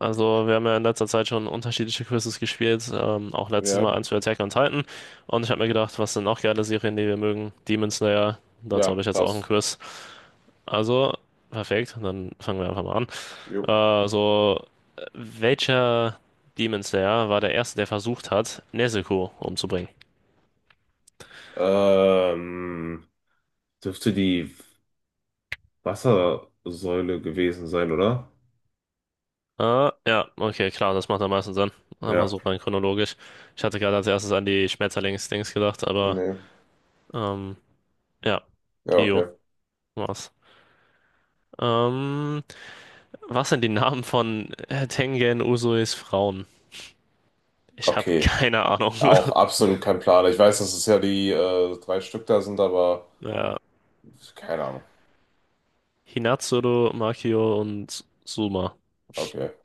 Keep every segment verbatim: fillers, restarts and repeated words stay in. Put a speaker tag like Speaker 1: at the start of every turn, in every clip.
Speaker 1: Also, wir haben ja in letzter Zeit schon unterschiedliche Quizzes gespielt, ähm, auch letztes
Speaker 2: Ja,
Speaker 1: Mal eins für Attack on Titan. Und ich habe mir gedacht, was sind noch geile Serien, die wir mögen? Demon Slayer, dazu
Speaker 2: ja,
Speaker 1: habe ich jetzt auch ein
Speaker 2: passt.
Speaker 1: Quiz. Also, perfekt, dann fangen wir einfach mal
Speaker 2: Jo.
Speaker 1: an. Äh, so, welcher Demon Slayer war der erste, der versucht hat, Nezuko umzubringen?
Speaker 2: Ähm, Dürfte die Wassersäule gewesen sein, oder?
Speaker 1: Äh, ja, okay, klar, das macht am meisten Sinn. Einfach
Speaker 2: Ja.
Speaker 1: so rein chronologisch. Ich hatte gerade als erstes an die Schmetterlings-Dings gedacht, aber
Speaker 2: Nee.
Speaker 1: ähm, ja,
Speaker 2: Ja,
Speaker 1: Gio
Speaker 2: okay.
Speaker 1: war's. Ähm, Was sind die Namen von äh, Tengen Usuis Frauen? Ich habe
Speaker 2: Okay.
Speaker 1: keine Ahnung.
Speaker 2: Auch absolut kein Plan. Ich weiß, dass es ja die äh, drei Stück da sind, aber
Speaker 1: Ja.
Speaker 2: keine Ahnung.
Speaker 1: Hinatsuru, Makio und Suma.
Speaker 2: Okay.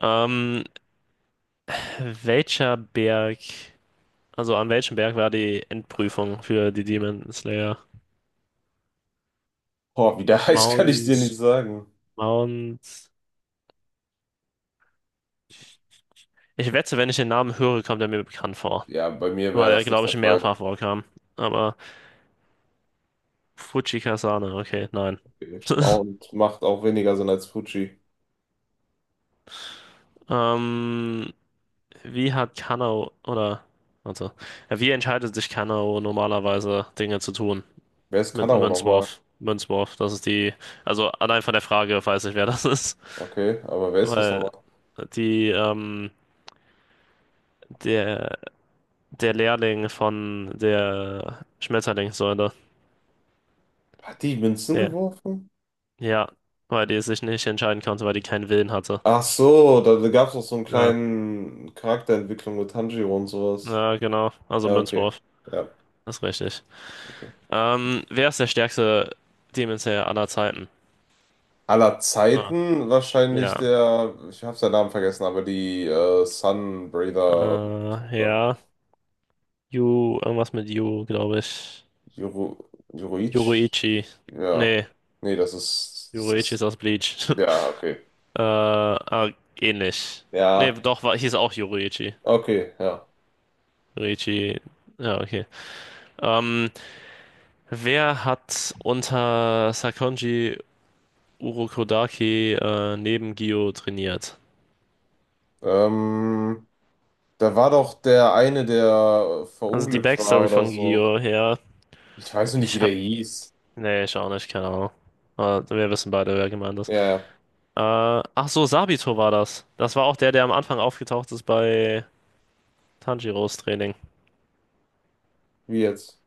Speaker 1: Ähm, welcher Berg, also an welchem Berg war die Endprüfung für die Demon Slayer?
Speaker 2: Boah, wie der heißt, kann ich dir nicht
Speaker 1: Mount,
Speaker 2: sagen.
Speaker 1: Mount. Ich wette, wenn ich den Namen höre, kommt er mir bekannt vor.
Speaker 2: Ja, bei mir wäre
Speaker 1: Weil er,
Speaker 2: das nicht
Speaker 1: glaube
Speaker 2: der
Speaker 1: ich,
Speaker 2: Fall.
Speaker 1: mehrfach vorkam. Aber Fujikasane, okay, nein.
Speaker 2: Okay. Mount macht auch weniger Sinn als Fuji.
Speaker 1: Ähm, Wie hat Kanao oder warte, ja, wie entscheidet sich Kanao normalerweise Dinge zu tun
Speaker 2: Wer ist
Speaker 1: mit einem
Speaker 2: Kanaro nochmal?
Speaker 1: Münzwurf? Münzwurf, das ist die, also allein von der Frage weiß ich, wer das ist,
Speaker 2: Okay, aber wer ist das
Speaker 1: weil
Speaker 2: nochmal?
Speaker 1: die ähm, der der Lehrling von der Schmetterlingssäule,
Speaker 2: Hat die Münzen
Speaker 1: der,
Speaker 2: geworfen?
Speaker 1: ja, weil die sich nicht entscheiden konnte, weil die keinen Willen hatte.
Speaker 2: Ach so, da gab es noch so einen
Speaker 1: Ja,
Speaker 2: kleinen Charakterentwicklung mit Tanjiro und sowas.
Speaker 1: ja, genau, also
Speaker 2: Ja, okay.
Speaker 1: Münzwurf,
Speaker 2: Ja,
Speaker 1: das ist richtig.
Speaker 2: okay.
Speaker 1: Ähm, wer ist der stärkste Demon Slayer aller Zeiten?
Speaker 2: Aller
Speaker 1: Ah,
Speaker 2: Zeiten wahrscheinlich
Speaker 1: ja.
Speaker 2: der, ich habe seinen Namen vergessen, aber die äh, Sunbreather
Speaker 1: Äh,
Speaker 2: äh,
Speaker 1: ja. Yu, irgendwas mit Yu, glaube ich.
Speaker 2: Yoru, Yoruichi?
Speaker 1: Yoruichi.
Speaker 2: Ja.
Speaker 1: Nee,
Speaker 2: Nee, das ist, ist das.
Speaker 1: Yoruichi ist
Speaker 2: Ist,
Speaker 1: aus Bleach.
Speaker 2: ja, okay.
Speaker 1: Äh, ah, ähnlich. Nee,
Speaker 2: Ja,
Speaker 1: doch, war, hieß auch Yoruichi.
Speaker 2: okay, ja.
Speaker 1: Yoruichi. Ja, okay. Ähm, wer hat unter Sakonji Urokodaki äh, neben Gio trainiert?
Speaker 2: Ähm, Da war doch der eine, der
Speaker 1: Also die
Speaker 2: verunglückt war
Speaker 1: Backstory
Speaker 2: oder
Speaker 1: von
Speaker 2: so.
Speaker 1: Gio, ja.
Speaker 2: Ich weiß noch nicht, wie
Speaker 1: Ich
Speaker 2: der
Speaker 1: hab.
Speaker 2: hieß.
Speaker 1: Nee, ich auch nicht, keine Ahnung. Aber wir wissen beide, wer gemeint ist.
Speaker 2: Ja,
Speaker 1: Äh, ach so, Sabito war das. Das war auch der, der am Anfang aufgetaucht ist bei Tanjiros Training.
Speaker 2: wie jetzt?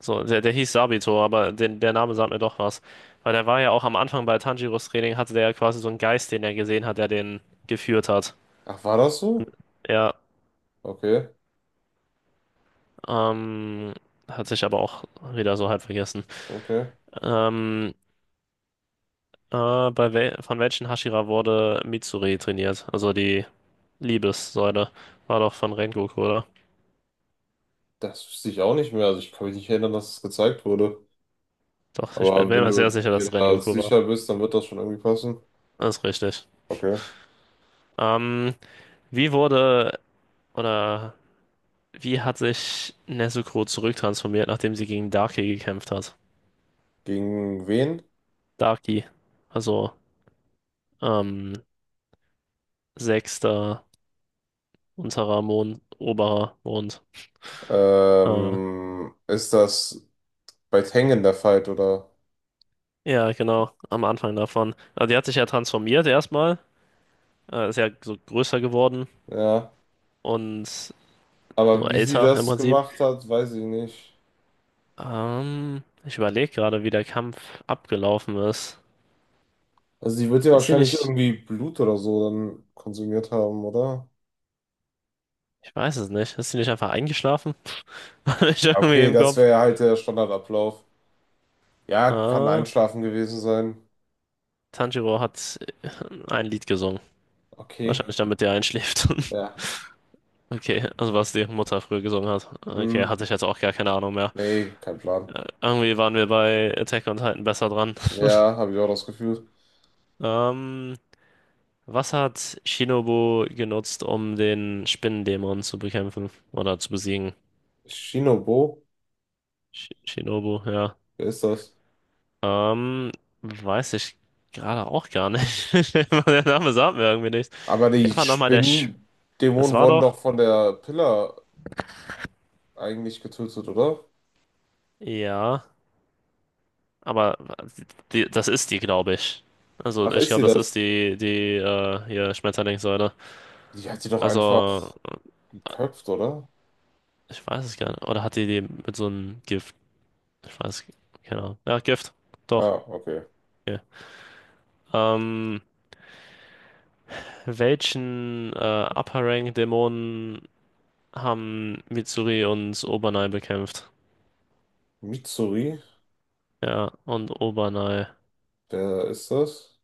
Speaker 1: So, der, der hieß Sabito, aber den, der Name sagt mir doch was. Weil der war ja auch am Anfang bei Tanjiros Training, hatte der ja quasi so einen Geist, den er gesehen hat, der den geführt hat.
Speaker 2: Ach, war das so?
Speaker 1: Ja,
Speaker 2: Okay,
Speaker 1: ähm, hat sich aber auch wieder so halb vergessen.
Speaker 2: okay.
Speaker 1: Ähm, äh, bei wel von welchen Hashira wurde Mitsuri trainiert? Also die Liebessäule. War doch von Rengoku, oder?
Speaker 2: Das wüsste ich auch nicht mehr. Also ich kann mich nicht erinnern, dass es gezeigt wurde.
Speaker 1: Doch, ich bin
Speaker 2: Aber
Speaker 1: bin
Speaker 2: wenn
Speaker 1: mir sehr
Speaker 2: du
Speaker 1: sicher, dass
Speaker 2: dir
Speaker 1: es
Speaker 2: da
Speaker 1: Rengoku war.
Speaker 2: sicher bist, dann wird das schon irgendwie passen.
Speaker 1: Das ist richtig.
Speaker 2: Okay.
Speaker 1: Ähm, wie wurde oder wie hat sich Nezuko zurücktransformiert, nachdem sie gegen Darkie gekämpft hat?
Speaker 2: Gegen wen?
Speaker 1: Darkie, also ähm, sechster unterer Mond, oberer Mond. Äh,
Speaker 2: Ähm, ist das bei Tengen der Fight, oder?
Speaker 1: ja, genau, am Anfang davon. Also die hat sich ja transformiert erstmal, äh, ist ja so größer geworden
Speaker 2: Ja.
Speaker 1: und so
Speaker 2: Aber wie sie
Speaker 1: älter im
Speaker 2: das
Speaker 1: Prinzip.
Speaker 2: gemacht hat, weiß ich nicht.
Speaker 1: Ähm, ich überlege gerade, wie der Kampf abgelaufen ist.
Speaker 2: Also sie wird ja
Speaker 1: Ist sie
Speaker 2: wahrscheinlich
Speaker 1: nicht,
Speaker 2: irgendwie Blut oder so dann konsumiert haben, oder?
Speaker 1: ich weiß es nicht, ist sie nicht einfach eingeschlafen? Ich
Speaker 2: Ja,
Speaker 1: irgendwie
Speaker 2: okay,
Speaker 1: im
Speaker 2: das
Speaker 1: Kopf.
Speaker 2: wäre ja halt der Standardablauf. Ja, kann
Speaker 1: Ah,
Speaker 2: Einschlafen gewesen sein.
Speaker 1: Tanjiro hat äh, ein Lied gesungen.
Speaker 2: Okay.
Speaker 1: Wahrscheinlich damit der einschläft.
Speaker 2: Ja.
Speaker 1: Okay, also was die Mutter früher gesungen hat. Okay,
Speaker 2: Mm.
Speaker 1: hatte ich jetzt auch gar keine Ahnung mehr.
Speaker 2: Nee, kein Plan.
Speaker 1: Äh, Irgendwie waren wir bei Attack on Titan besser dran.
Speaker 2: Ja, habe ich auch das Gefühl.
Speaker 1: Ähm, was hat Shinobu genutzt, um den Spinnendämon zu bekämpfen oder zu besiegen?
Speaker 2: Shinobu,
Speaker 1: Sh Shinobu, ja.
Speaker 2: wer ist das?
Speaker 1: Ähm, weiß ich gerade auch gar nicht. Der Name sagt mir irgendwie nichts.
Speaker 2: Aber die
Speaker 1: Wer war nochmal der Sch Das
Speaker 2: Spinnendämonen
Speaker 1: war
Speaker 2: wurden
Speaker 1: doch.
Speaker 2: doch von der Pillar eigentlich getötet, oder?
Speaker 1: Ja, aber die, das ist die, glaube ich. Also
Speaker 2: Ach,
Speaker 1: ich
Speaker 2: ist sie
Speaker 1: glaube, das
Speaker 2: das?
Speaker 1: ist die, die äh, hier Schmetterlingssäule.
Speaker 2: Die hat sie doch
Speaker 1: Also
Speaker 2: einfach geköpft, oder?
Speaker 1: ich weiß es gar nicht. Oder hat die die mit so einem Gift? Ich weiß, keine Ahnung. Ja, Gift. Doch.
Speaker 2: Ah, okay.
Speaker 1: Okay. Ähm, welchen äh, Upper Rank Dämonen haben Mitsuri und Obernai bekämpft?
Speaker 2: Mitsuri,
Speaker 1: Ja, und Obernai.
Speaker 2: wer ist das?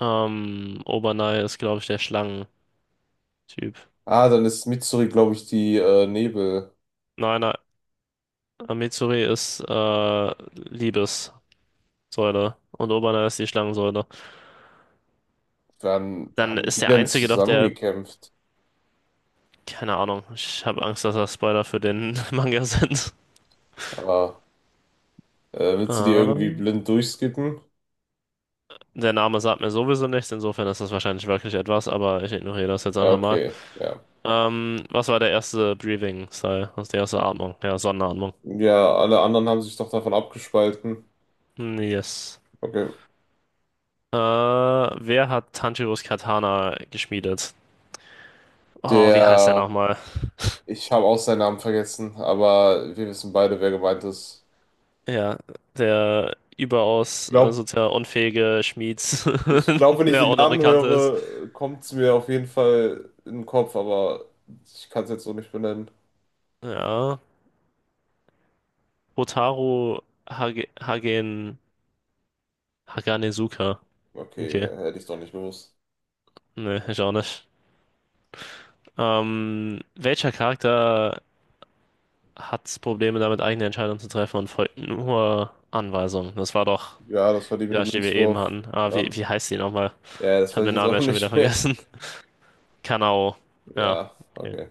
Speaker 1: Ähm, Obernai ist, glaube ich, der Schlangentyp.
Speaker 2: Ah, dann ist Mitsuri, glaube ich, die äh, Nebel.
Speaker 1: Nein, nein. äh, Mitsuri ist äh, Liebes. Säule und Oberner ist die Schlangensäule.
Speaker 2: Wann
Speaker 1: Dann
Speaker 2: haben
Speaker 1: ist
Speaker 2: die
Speaker 1: der
Speaker 2: denn
Speaker 1: einzige doch der,
Speaker 2: zusammengekämpft?
Speaker 1: keine Ahnung, ich habe Angst, dass das Spoiler für den Manga sind.
Speaker 2: Ah, äh, willst du die irgendwie
Speaker 1: Ähm,
Speaker 2: blind durchskippen?
Speaker 1: der Name sagt mir sowieso nichts, insofern ist das wahrscheinlich wirklich etwas, aber ich ignoriere das jetzt
Speaker 2: Ja,
Speaker 1: einfach mal.
Speaker 2: okay, ja.
Speaker 1: Ähm, was war der erste Breathing-Style? Was ist die erste Atmung? Ja, Sonnenatmung.
Speaker 2: Ja, alle anderen haben sich doch davon abgespalten.
Speaker 1: Hm, Yes.
Speaker 2: Okay.
Speaker 1: Äh, wer hat Tanjiros Katana geschmiedet? Oh, wie heißt der
Speaker 2: Der,
Speaker 1: nochmal?
Speaker 2: ich habe auch seinen Namen vergessen, aber wir wissen beide, wer gemeint ist.
Speaker 1: Ja, der überaus äh,
Speaker 2: Glaub,
Speaker 1: sozial unfähige Schmied,
Speaker 2: Ich glaube, wenn ich
Speaker 1: der
Speaker 2: den
Speaker 1: auch noch eine
Speaker 2: Namen
Speaker 1: Kante ist.
Speaker 2: höre, kommt es mir auf jeden Fall in den Kopf, aber ich kann es jetzt so nicht benennen.
Speaker 1: Ja, Hotaru Hage, Hagen, Haganezuka.
Speaker 2: Okay,
Speaker 1: Okay,
Speaker 2: hätte ich doch nicht gewusst.
Speaker 1: ne, ich auch nicht. Ähm, welcher Charakter hat Probleme damit, eigene Entscheidungen zu treffen und folgt nur Anweisungen? Das war doch
Speaker 2: Ja, das war die
Speaker 1: die,
Speaker 2: mit dem
Speaker 1: Flasche, die wir eben
Speaker 2: Münzwurf.
Speaker 1: hatten. Ah, wie,
Speaker 2: Ja,
Speaker 1: wie heißt die nochmal?
Speaker 2: ja,
Speaker 1: Ich
Speaker 2: das
Speaker 1: habe
Speaker 2: weiß ich
Speaker 1: den
Speaker 2: jetzt
Speaker 1: Namen
Speaker 2: auch
Speaker 1: jetzt schon wieder
Speaker 2: nicht mehr.
Speaker 1: vergessen. Kanao. Ja,
Speaker 2: Ja,
Speaker 1: okay.
Speaker 2: okay.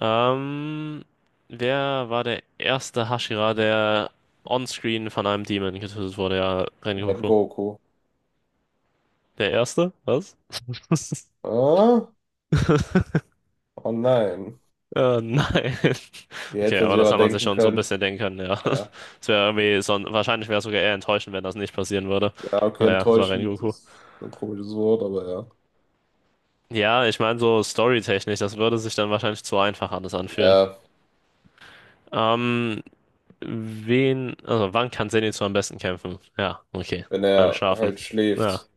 Speaker 1: Ähm, wer war der erste Hashira, der onscreen von einem Demon getötet wurde? Ja,
Speaker 2: Red
Speaker 1: Rengoku.
Speaker 2: Goku.
Speaker 1: Der erste? Was?
Speaker 2: Ah, oh nein.
Speaker 1: Äh, nein.
Speaker 2: Die
Speaker 1: Okay,
Speaker 2: hätte man
Speaker 1: aber
Speaker 2: sich
Speaker 1: das
Speaker 2: aber
Speaker 1: hat man sich
Speaker 2: denken
Speaker 1: schon so ein
Speaker 2: können.
Speaker 1: bisschen denken können, ja.
Speaker 2: Ja.
Speaker 1: Es wäre irgendwie so, wahrscheinlich wäre es sogar eher enttäuschend, wenn das nicht passieren würde.
Speaker 2: Ja, okay,
Speaker 1: Naja, das war
Speaker 2: enttäuschend
Speaker 1: Rengoku.
Speaker 2: ist ein komisches Wort, aber ja.
Speaker 1: Ja, ich meine, so storytechnisch, das würde sich dann wahrscheinlich zu einfach alles anfühlen.
Speaker 2: Ja,
Speaker 1: Ähm, wen, also wann kann Zenitsu am besten kämpfen? Ja, okay.
Speaker 2: wenn
Speaker 1: Beim
Speaker 2: er
Speaker 1: Schlafen.
Speaker 2: halt
Speaker 1: Ja.
Speaker 2: schläft.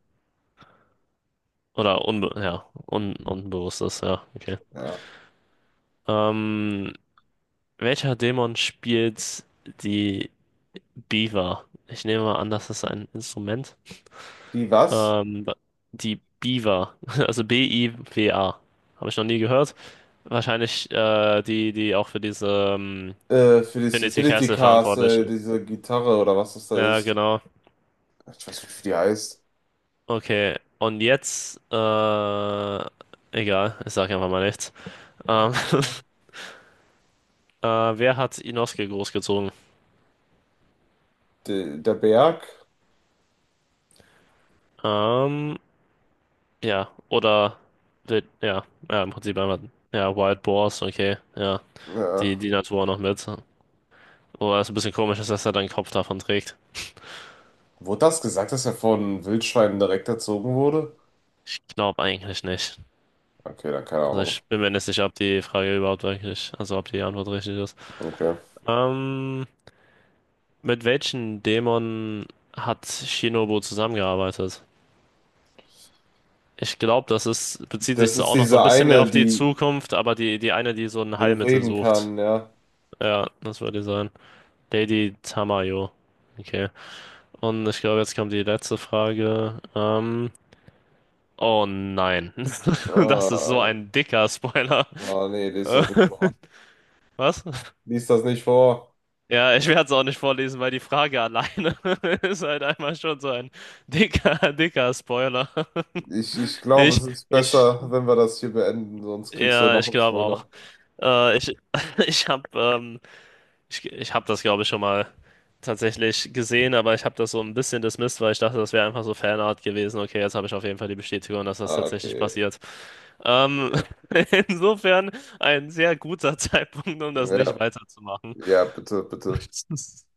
Speaker 1: Oder unbe ja, un unbewusstes, ja, okay.
Speaker 2: Ja.
Speaker 1: Ähm, welcher Dämon spielt die Biwa? Ich nehme mal an, das ist ein Instrument.
Speaker 2: Die was?
Speaker 1: Ähm, die Biwa, also B-I-W-A. Habe ich noch nie gehört. Wahrscheinlich äh, die, die auch für diese ähm,
Speaker 2: Äh, für das
Speaker 1: Trinity
Speaker 2: Infinity
Speaker 1: Castle verantwortlich
Speaker 2: Castle,
Speaker 1: ist.
Speaker 2: diese Gitarre oder was das da
Speaker 1: Ja,
Speaker 2: ist.
Speaker 1: genau.
Speaker 2: Ich weiß nicht, wie die heißt.
Speaker 1: Okay. Und jetzt, äh, egal, ich sage einfach mal nichts. Ähm,
Speaker 2: Ja.
Speaker 1: äh, wer hat Inosuke großgezogen?
Speaker 2: De, der Berg?
Speaker 1: Ähm, Ja, oder wild, ja, ja, im Prinzip einmal, ja, Wild Boars, okay, ja, die,
Speaker 2: Ja.
Speaker 1: die Natur noch mit. Oder ist ein bisschen komisch, ist, dass er dann Kopf davon trägt.
Speaker 2: Wurde das gesagt, dass er von Wildschweinen direkt erzogen wurde?
Speaker 1: Ich glaube eigentlich nicht.
Speaker 2: Okay, dann keine
Speaker 1: Also
Speaker 2: Ahnung.
Speaker 1: ich bin mir nicht sicher, ob die Frage überhaupt wirklich, also ob die Antwort richtig ist.
Speaker 2: Okay.
Speaker 1: Ähm, mit welchen Dämonen hat Shinobu zusammengearbeitet? Ich glaube, das ist, bezieht sich
Speaker 2: Das
Speaker 1: so
Speaker 2: ist
Speaker 1: auch noch so
Speaker 2: diese
Speaker 1: ein bisschen mehr
Speaker 2: eine,
Speaker 1: auf die
Speaker 2: die
Speaker 1: Zukunft, aber die, die eine, die so ein Heilmittel
Speaker 2: reden
Speaker 1: sucht.
Speaker 2: kann, ja.
Speaker 1: Ja, das würde die sein. Lady Tamayo. Okay. Und ich glaube, jetzt kommt die letzte Frage. Ähm, oh nein. Das ist so
Speaker 2: Ah,
Speaker 1: ein dicker Spoiler.
Speaker 2: ah, nee, lies
Speaker 1: Äh,
Speaker 2: das nicht vor.
Speaker 1: Was?
Speaker 2: Lies das nicht vor.
Speaker 1: Ja, ich werde es auch nicht vorlesen, weil die Frage alleine ist halt einmal schon so ein dicker, dicker Spoiler.
Speaker 2: Ich, ich glaube, es
Speaker 1: Ich,
Speaker 2: ist
Speaker 1: ich,
Speaker 2: besser, wenn wir das hier beenden, sonst kriegst du
Speaker 1: ja,
Speaker 2: noch
Speaker 1: ich
Speaker 2: einen
Speaker 1: glaube auch.
Speaker 2: Spoiler.
Speaker 1: Äh, ich, ich habe ähm, Ich, ich habe das, glaube ich, schon mal tatsächlich gesehen, aber ich habe das so ein bisschen dismissed, weil ich dachte, das wäre einfach so Fanart gewesen. Okay, jetzt habe ich auf jeden Fall die Bestätigung, dass das
Speaker 2: Ah,
Speaker 1: tatsächlich
Speaker 2: okay.
Speaker 1: passiert. Ähm,
Speaker 2: Ja,
Speaker 1: insofern ein sehr guter Zeitpunkt, um das nicht
Speaker 2: ja,
Speaker 1: weiterzumachen.
Speaker 2: ja, bitte, bitte.